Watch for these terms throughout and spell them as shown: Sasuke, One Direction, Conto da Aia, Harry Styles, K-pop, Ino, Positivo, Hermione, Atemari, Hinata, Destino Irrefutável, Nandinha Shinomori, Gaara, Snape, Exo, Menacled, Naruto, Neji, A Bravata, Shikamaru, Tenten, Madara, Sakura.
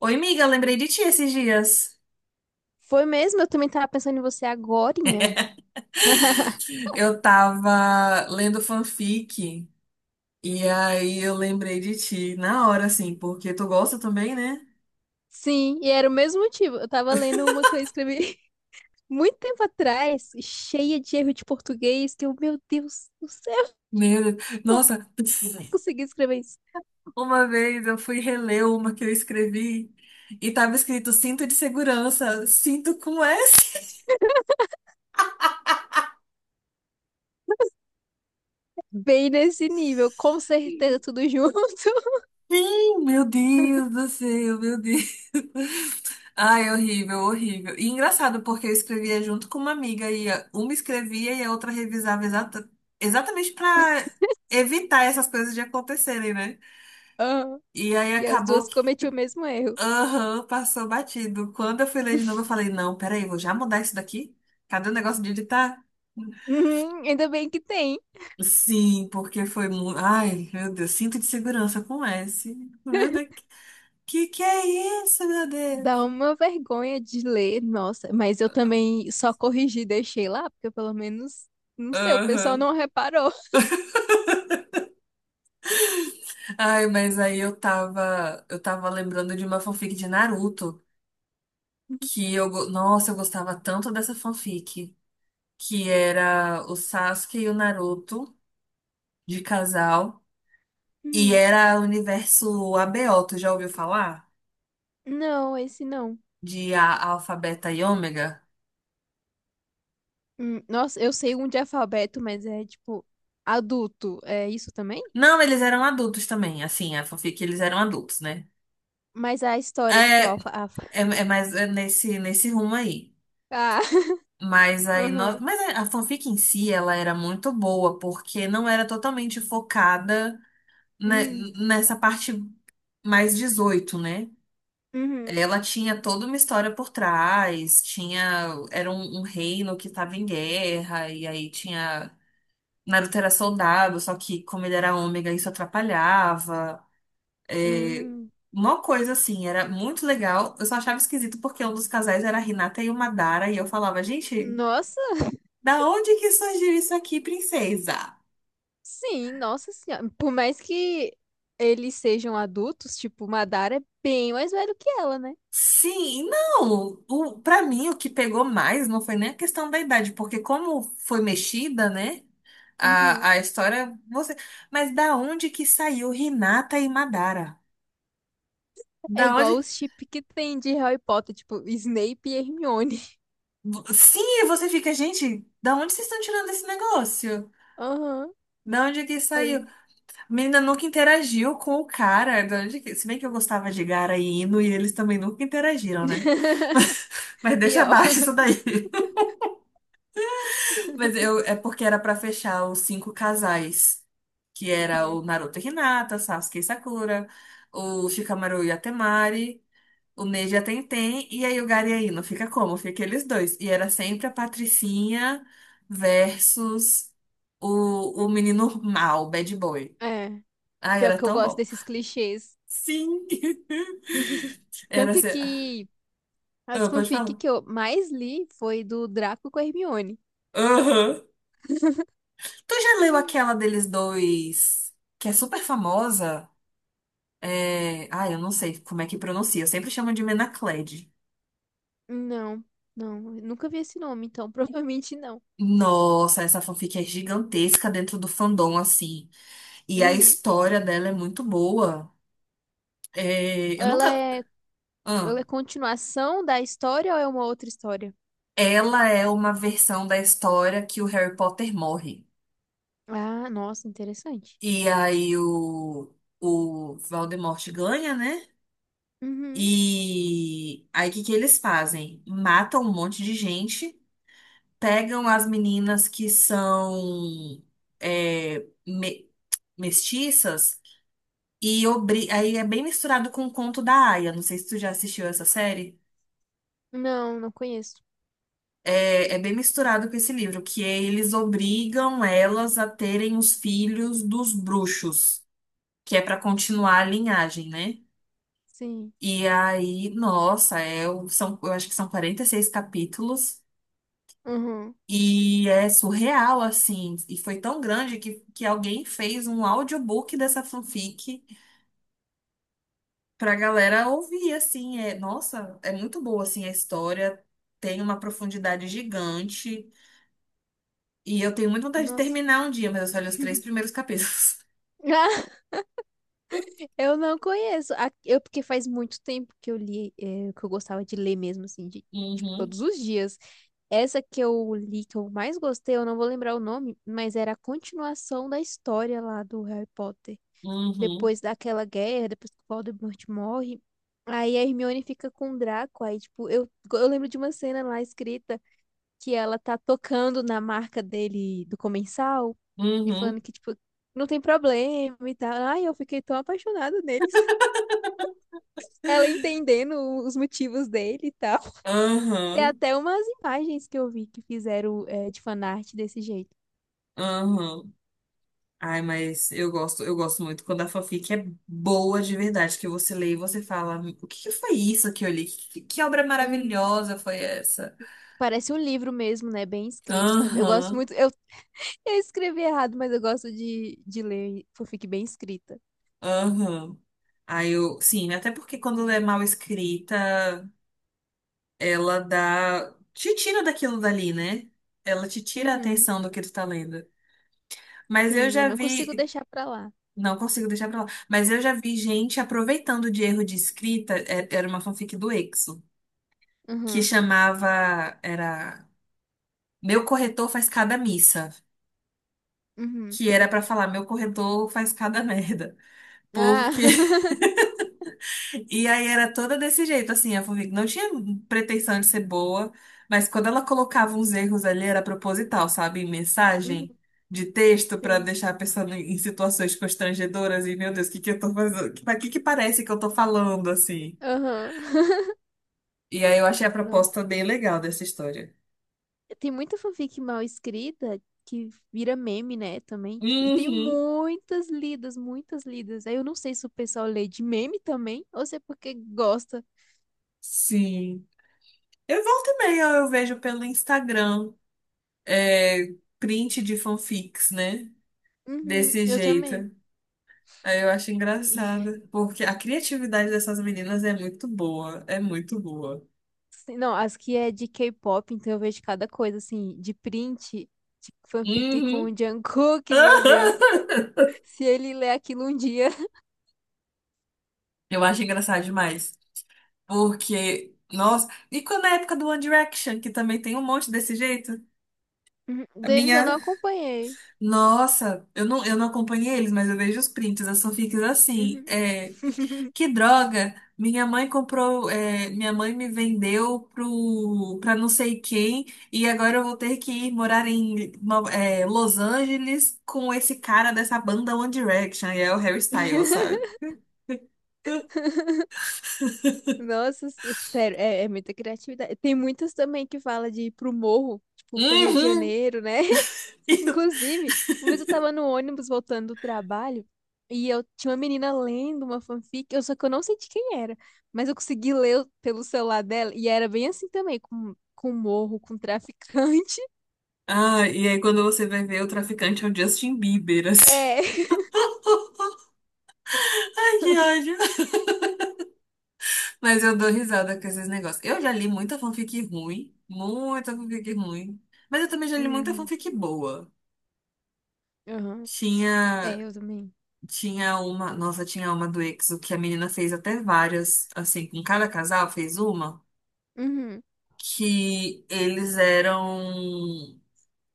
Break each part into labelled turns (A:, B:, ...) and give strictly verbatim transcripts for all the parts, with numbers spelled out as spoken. A: Oi, amiga, lembrei de ti esses dias.
B: Foi mesmo? Eu também tava pensando em você agorinha.
A: Eu tava lendo fanfic e aí eu lembrei de ti na hora, assim, porque tu gosta também, né?
B: Sim, e era o mesmo motivo. Eu tava lendo uma que eu escrevi muito tempo atrás, cheia de erro de português, que eu, meu Deus do céu,
A: Meu Deus.
B: como
A: Nossa,
B: eu consegui escrever isso?
A: uma vez eu fui reler uma que eu escrevi e tava escrito cinto de segurança, cinto com S.
B: Bem nesse nível, com certeza tudo junto.
A: Oh, Meu Deus do céu, meu Deus. Ai, horrível, horrível. E engraçado, porque eu escrevia junto com uma amiga e a- uma escrevia e a outra revisava exata, exatamente para evitar essas coisas de acontecerem, né?
B: Ah,
A: E aí
B: e as
A: acabou
B: duas
A: que,
B: cometi o mesmo erro.
A: aham, passou batido. Quando eu fui ler de novo, eu falei, não, peraí, vou já mudar isso daqui? Cadê o negócio de editar?
B: Uhum, ainda bem que tem.
A: Sim, porque foi muito. Ai, meu Deus, cinto de segurança com S. Meu Deus, que que é isso, meu
B: Dá
A: Deus?
B: uma vergonha de ler, nossa, mas eu também só corrigi e deixei lá, porque pelo menos, não sei, o pessoal
A: Aham.
B: não reparou.
A: Ai, mas aí eu tava, eu tava lembrando de uma fanfic de Naruto que eu, go- nossa, eu gostava tanto dessa fanfic, que era o Sasuke e o Naruto de casal e era o universo A B O, tu já ouviu falar?
B: Não, esse não.
A: De a, Alfa, Beta e Ômega?
B: Hum, nossa, eu sei um de alfabeto, mas é tipo adulto. É isso também?
A: Não, eles eram adultos também, assim, a fanfic eles eram adultos, né?
B: Mas a história, tipo, é o
A: É,
B: alfa, alfa.
A: é, é mais é nesse, nesse rumo aí.
B: Ah,
A: Mas aí nós,
B: aham.
A: mas a a fanfic em si ela era muito boa, porque não era totalmente focada ne-
B: Hum,
A: nessa parte mais dezoito, né?
B: uhum,
A: Ela tinha toda uma história por trás, tinha era um, um reino que estava em guerra e aí tinha Naruto era soldado, só que como ele era ômega isso atrapalhava. É,
B: hum.
A: uma coisa assim, era muito legal. Eu só achava esquisito porque um dos casais era a Hinata e o Madara e eu falava, gente,
B: Nossa,
A: da onde que surgiu isso aqui, princesa?
B: sim, nossa senhora. Por mais que eles sejam adultos, tipo, Madara é bem mais velho que ela, né?
A: Sim, não. O, para mim, o que pegou mais não foi nem a questão da idade, porque como foi mexida, né?
B: Uhum.
A: A, a história, você. Mas da onde que saiu Hinata e Madara?
B: É
A: Da
B: igual
A: onde?
B: os chip que tem de Harry Potter, tipo, Snape e Hermione.
A: Sim, e você fica, gente, da onde vocês estão tirando esse negócio?
B: Aham.
A: Da onde que saiu?
B: É.
A: A menina nunca interagiu com o cara. Da onde que... Se bem que eu gostava de Gara e Ino, e eles também nunca interagiram, né? Mas, mas deixa
B: Pior.
A: abaixo isso daí. Mas eu, é porque era pra fechar os cinco casais, que era
B: Uhum.
A: o Naruto e Hinata, Sasuke e Sakura, o Shikamaru e Atemari, o Neji e a Tenten, e aí o Gaara e a Ino. Fica como? Fica aqueles dois. E era sempre a Patricinha versus o, o menino mal, bad boy.
B: É.
A: Ai,
B: Pior
A: era
B: que eu
A: tão
B: gosto
A: bom.
B: desses clichês.
A: Sim! Era
B: Tanto
A: ser...
B: que as
A: Ah, pode
B: fanfic
A: falar.
B: que eu mais li foi do Draco com a Hermione.
A: Aham. Tu já leu aquela deles dois, que é super famosa? É... Ah, eu não sei como é que pronuncia. Eu sempre chamo de Menacled.
B: Não, não, eu nunca vi esse nome, então provavelmente não.
A: Nossa, essa fanfic é gigantesca dentro do fandom, assim. E a
B: Uhum.
A: história dela é muito boa. É... Eu
B: Ela
A: nunca.
B: é,
A: Ah,
B: ela é continuação da história ou é uma outra história?
A: ela é uma versão da história que o Harry Potter morre.
B: Ah, nossa, interessante.
A: E aí o, o, Voldemort ganha, né?
B: Uhum.
A: E aí o que que eles fazem? Matam um monte de gente, pegam as meninas que são mestiças e obri... aí é bem misturado com o Conto da Aia. Não sei se tu já assistiu essa série.
B: Não, não conheço.
A: É, é bem misturado com esse livro, que é eles obrigam elas a terem os filhos dos bruxos, que é para continuar a linhagem, né?
B: Sim.
A: E aí, nossa, é, o- são, eu acho que são quarenta e seis capítulos
B: Uhum.
A: e é surreal, assim. E foi tão grande que, que alguém fez um audiobook dessa fanfic pra galera ouvir, assim, é, nossa, é muito boa, assim, a história, tem uma profundidade gigante, e eu tenho muita vontade de
B: Nossa.
A: terminar um dia, mas eu só li os três primeiros capítulos.
B: Eu não conheço. A- Eu, porque faz muito tempo que eu li, eh, que eu gostava de ler mesmo, assim, de, tipo,
A: Uhum,
B: todos os dias. Essa que eu li, que eu mais gostei, eu não vou lembrar o nome, mas era a continuação da história lá do Harry Potter.
A: uhum,
B: Depois daquela guerra, depois que o Voldemort morre, aí a Hermione fica com o Draco, aí, tipo, eu, eu lembro de uma cena lá escrita que ela tá tocando na marca dele, do comensal, e
A: uhum,
B: falando que, tipo, não tem problema e tal. Ai, eu fiquei tão apaixonada nele ela entendendo os motivos dele e tal. Tem
A: uhum,
B: até umas imagens que eu vi que fizeram é, de fanart desse jeito.
A: uhum. Ai, mas eu gosto, eu gosto muito quando a fanfic é boa de verdade, que você lê e você fala, o que que foi isso que eu li? Que, que obra
B: Hum.
A: maravilhosa foi essa?
B: Parece um livro mesmo, né? Bem escrito também. Eu gosto
A: Aham,
B: muito. Eu, eu escrevi errado, mas eu gosto de, de ler fanfic bem escrita.
A: aham. Aí eu, sim, até porque quando é mal escrita, ela dá. Te tira daquilo dali, né? Ela te tira a
B: Uhum.
A: atenção do que tu tá lendo. Mas eu
B: Sim, eu
A: já
B: não consigo
A: vi.
B: deixar pra lá.
A: Não consigo deixar pra lá. Mas eu já vi gente aproveitando de erro de escrita. é- Era uma fanfic do Exo, que
B: Uhum.
A: chamava. Era. Meu corretor faz cada missa.
B: Uhum.
A: Que era pra falar, meu corretor faz cada merda.
B: Ah,
A: Porque e aí era toda desse jeito, assim, a Furvik não tinha pretensão de ser boa, mas quando ela colocava uns erros ali era proposital, sabe? Em mensagem
B: Uhum.
A: de texto pra
B: Sim.
A: deixar a pessoa em em situações constrangedoras e, meu Deus, o que que eu tô fazendo? Pra que que parece que eu tô falando, assim?
B: Aham.
A: E aí eu achei a
B: Nossa.
A: proposta bem legal dessa história.
B: Tem muita fanfic mal escrita que vira meme, né, também. Tipo, e tem
A: Uhum.
B: muitas lidas, muitas lidas. Aí eu não sei se o pessoal lê de meme também ou se é porque gosta.
A: Sim. Eu volto e meia, eu vejo pelo Instagram, é, print de fanfics, né?
B: Uhum,
A: Desse
B: eu
A: jeito.
B: também.
A: Aí eu acho
B: Sim.
A: engraçado, porque a criatividade dessas meninas é muito boa, é muito boa.
B: Sim, não, as que é de K-pop, então eu vejo cada coisa, assim, de print, de fanfic com
A: Uhum.
B: o Jungkook, meu Deus. Se ele ler aquilo um dia.
A: Eu acho engraçado demais, porque, nossa, e quando é a época do One Direction, que também tem um monte desse jeito?
B: Uhum,
A: A
B: deles eu não
A: minha,
B: acompanhei.
A: nossa, eu não, eu não acompanhei eles, mas eu vejo os prints, as fanfics assim,
B: Uhum.
A: é, que droga! Minha mãe comprou, é, minha mãe me vendeu pro, pra não sei quem, e agora eu vou ter que ir morar em Nova- é, Los Angeles com esse cara dessa banda One Direction, e é o Harry Styles, sabe?
B: Nossa, se- sério, é, é muita criatividade. Tem muitas também que fala de ir pro morro, tipo, pra Rio de
A: Uhum.
B: Janeiro, né? Inclusive, uma vez eu tava no ônibus voltando do trabalho e eu tinha uma menina lendo uma fanfic, eu só que eu não sei de quem era, mas eu consegui ler pelo celular dela e era bem assim também, com, com, morro, com traficante.
A: Ah, e aí quando você vai ver, o traficante é o Justin Bieber, assim.
B: É.
A: Ai, que ódio. Mas eu dou risada com esses negócios. Eu já li muita fanfic ruim, muita fanfic ruim, mas eu também já li muita
B: Uhum,
A: fanfic boa.
B: uhum. É,
A: Tinha.
B: eu também.
A: Tinha uma, nossa, tinha uma do EXO que a menina fez até várias, assim, com cada casal fez uma,
B: Uhum,
A: que eles eram,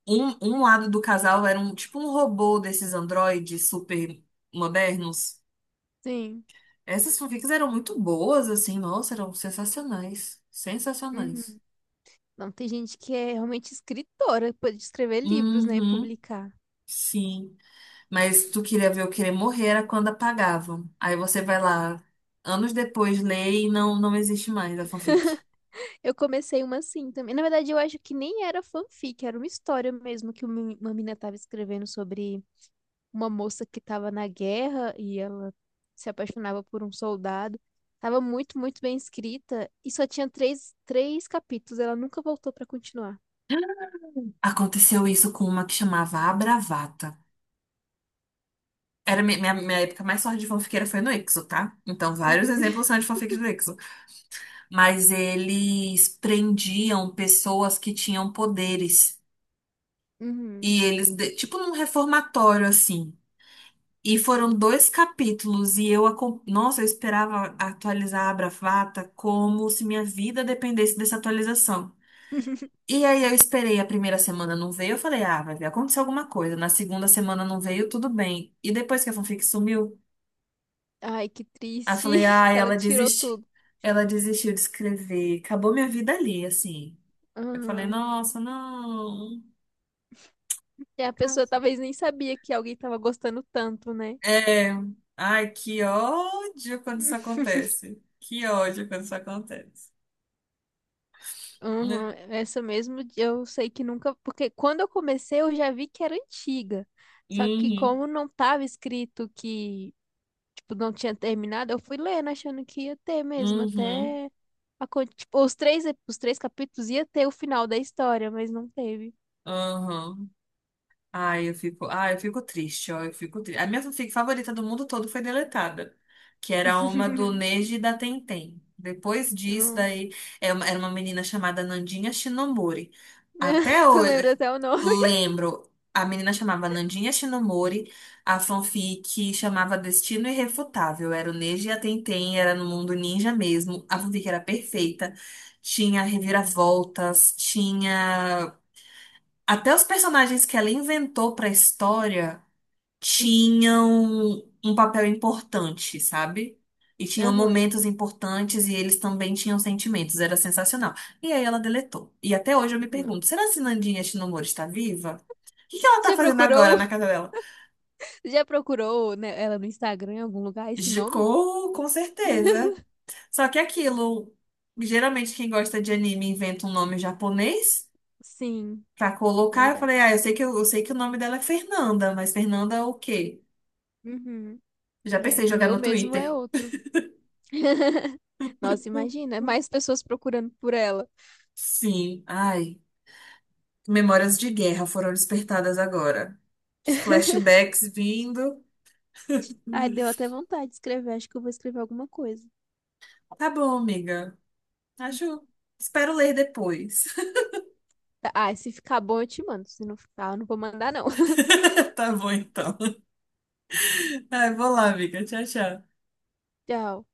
A: um, um lado do casal era um, tipo um robô desses androides super modernos.
B: sim.
A: Essas fanfics eram muito boas, assim, nossa, eram sensacionais, sensacionais.
B: Uhum. Não, tem gente que é realmente escritora, pode escrever livros, né, e
A: Uhum,
B: publicar.
A: sim. Mas tu queria ver eu querer morrer era quando apagavam. Aí você vai lá, anos depois, lê e não, não existe mais a fanfic.
B: Eu comecei uma assim também. Na verdade, eu acho que nem era fanfic, era uma história mesmo que uma uma menina estava escrevendo sobre uma moça que estava na guerra e ela se apaixonava por um soldado. Tava muito, muito bem escrita e só tinha três, três capítulos. Ela nunca voltou para continuar.
A: Aconteceu isso com uma que chamava A Bravata. Era mi- minha, minha época mais forte de fanfiqueira foi no Exo, tá? Então, vários
B: Uhum.
A: exemplos são de fanfics do Exo. Mas eles prendiam pessoas que tinham poderes. E eles, de- tipo num reformatório, assim. E foram dois capítulos e eu, acom- nossa, eu esperava atualizar a Bravata como se minha vida dependesse dessa atualização.
B: Uhum.
A: E aí eu esperei a primeira semana não veio, eu falei, ah, vai ver, aconteceu alguma coisa. Na segunda semana não veio, tudo bem. E depois que a fanfic sumiu,
B: Ai, que
A: aí eu
B: triste.
A: falei, ah,
B: Ela
A: ela
B: tirou
A: desiste.
B: tudo.
A: Ela desistiu de escrever. Acabou minha vida ali, assim. Eu falei,
B: Aham.
A: nossa, não.
B: E a pessoa talvez nem sabia que alguém tava gostando tanto, né?
A: É, ai, que ódio quando isso acontece. Que ódio quando isso acontece,
B: Uhum,
A: né?
B: essa mesmo eu sei que nunca, porque quando eu comecei eu já vi que era antiga. Só que
A: Uhum,
B: como não tava escrito que, tipo, não tinha terminado, eu fui lendo achando que ia ter mesmo,
A: uhum,
B: até a con- tipo, os três, ep- os três capítulos ia ter o final da história, mas não teve.
A: uhum. Ai, eu fico, ai, eu fico triste, ó, eu fico triste. A minha fanfic favorita do mundo todo foi deletada, que era uma do Neji e da Tenten. Depois disso,
B: Nossa.
A: daí, é uma- era uma menina chamada Nandinha Shinomori. Até
B: Tu
A: hoje,
B: lembra até o nome?
A: lembro, a menina chamava Nandinha Shinomori, a fanfic chamava Destino Irrefutável, era o Neji e a Tenten, era no mundo ninja mesmo, a fanfic era perfeita, tinha reviravoltas, tinha até os personagens que ela inventou pra história tinham um papel importante, sabe? E tinham
B: Aham.
A: momentos importantes e eles também tinham sentimentos, era sensacional. E aí ela deletou. E até hoje eu me
B: Não.
A: pergunto, será que Nandinha Shinomori está viva? O que que ela tá
B: Já
A: fazendo agora
B: procurou,
A: na casa dela?
B: já procurou, né, ela no Instagram em algum lugar esse nome?
A: Ficou, com certeza. Só que aquilo, geralmente quem gosta de anime inventa um nome japonês
B: Sim,
A: pra colocar. Eu falei, ah,
B: verdade.
A: eu sei que, eu, eu sei que o nome dela é Fernanda, mas Fernanda é o quê?
B: Uhum.
A: Já pensei em
B: É, o
A: jogar
B: meu
A: no
B: mesmo é
A: Twitter.
B: outro. Nossa, imagina, mais pessoas procurando por ela.
A: Sim, ai, memórias de guerra foram despertadas agora. Os flashbacks vindo.
B: Ai,
A: Hum,
B: deu até vontade de escrever. Acho que eu vou escrever alguma coisa.
A: Tá bom, amiga. Acho. Espero ler depois.
B: Tá, ah, se ficar bom, eu te mando. Se não ficar, eu não vou mandar, não.
A: Tá bom, então. Ai, vou lá, amiga. Tchau, tchau.
B: Tchau.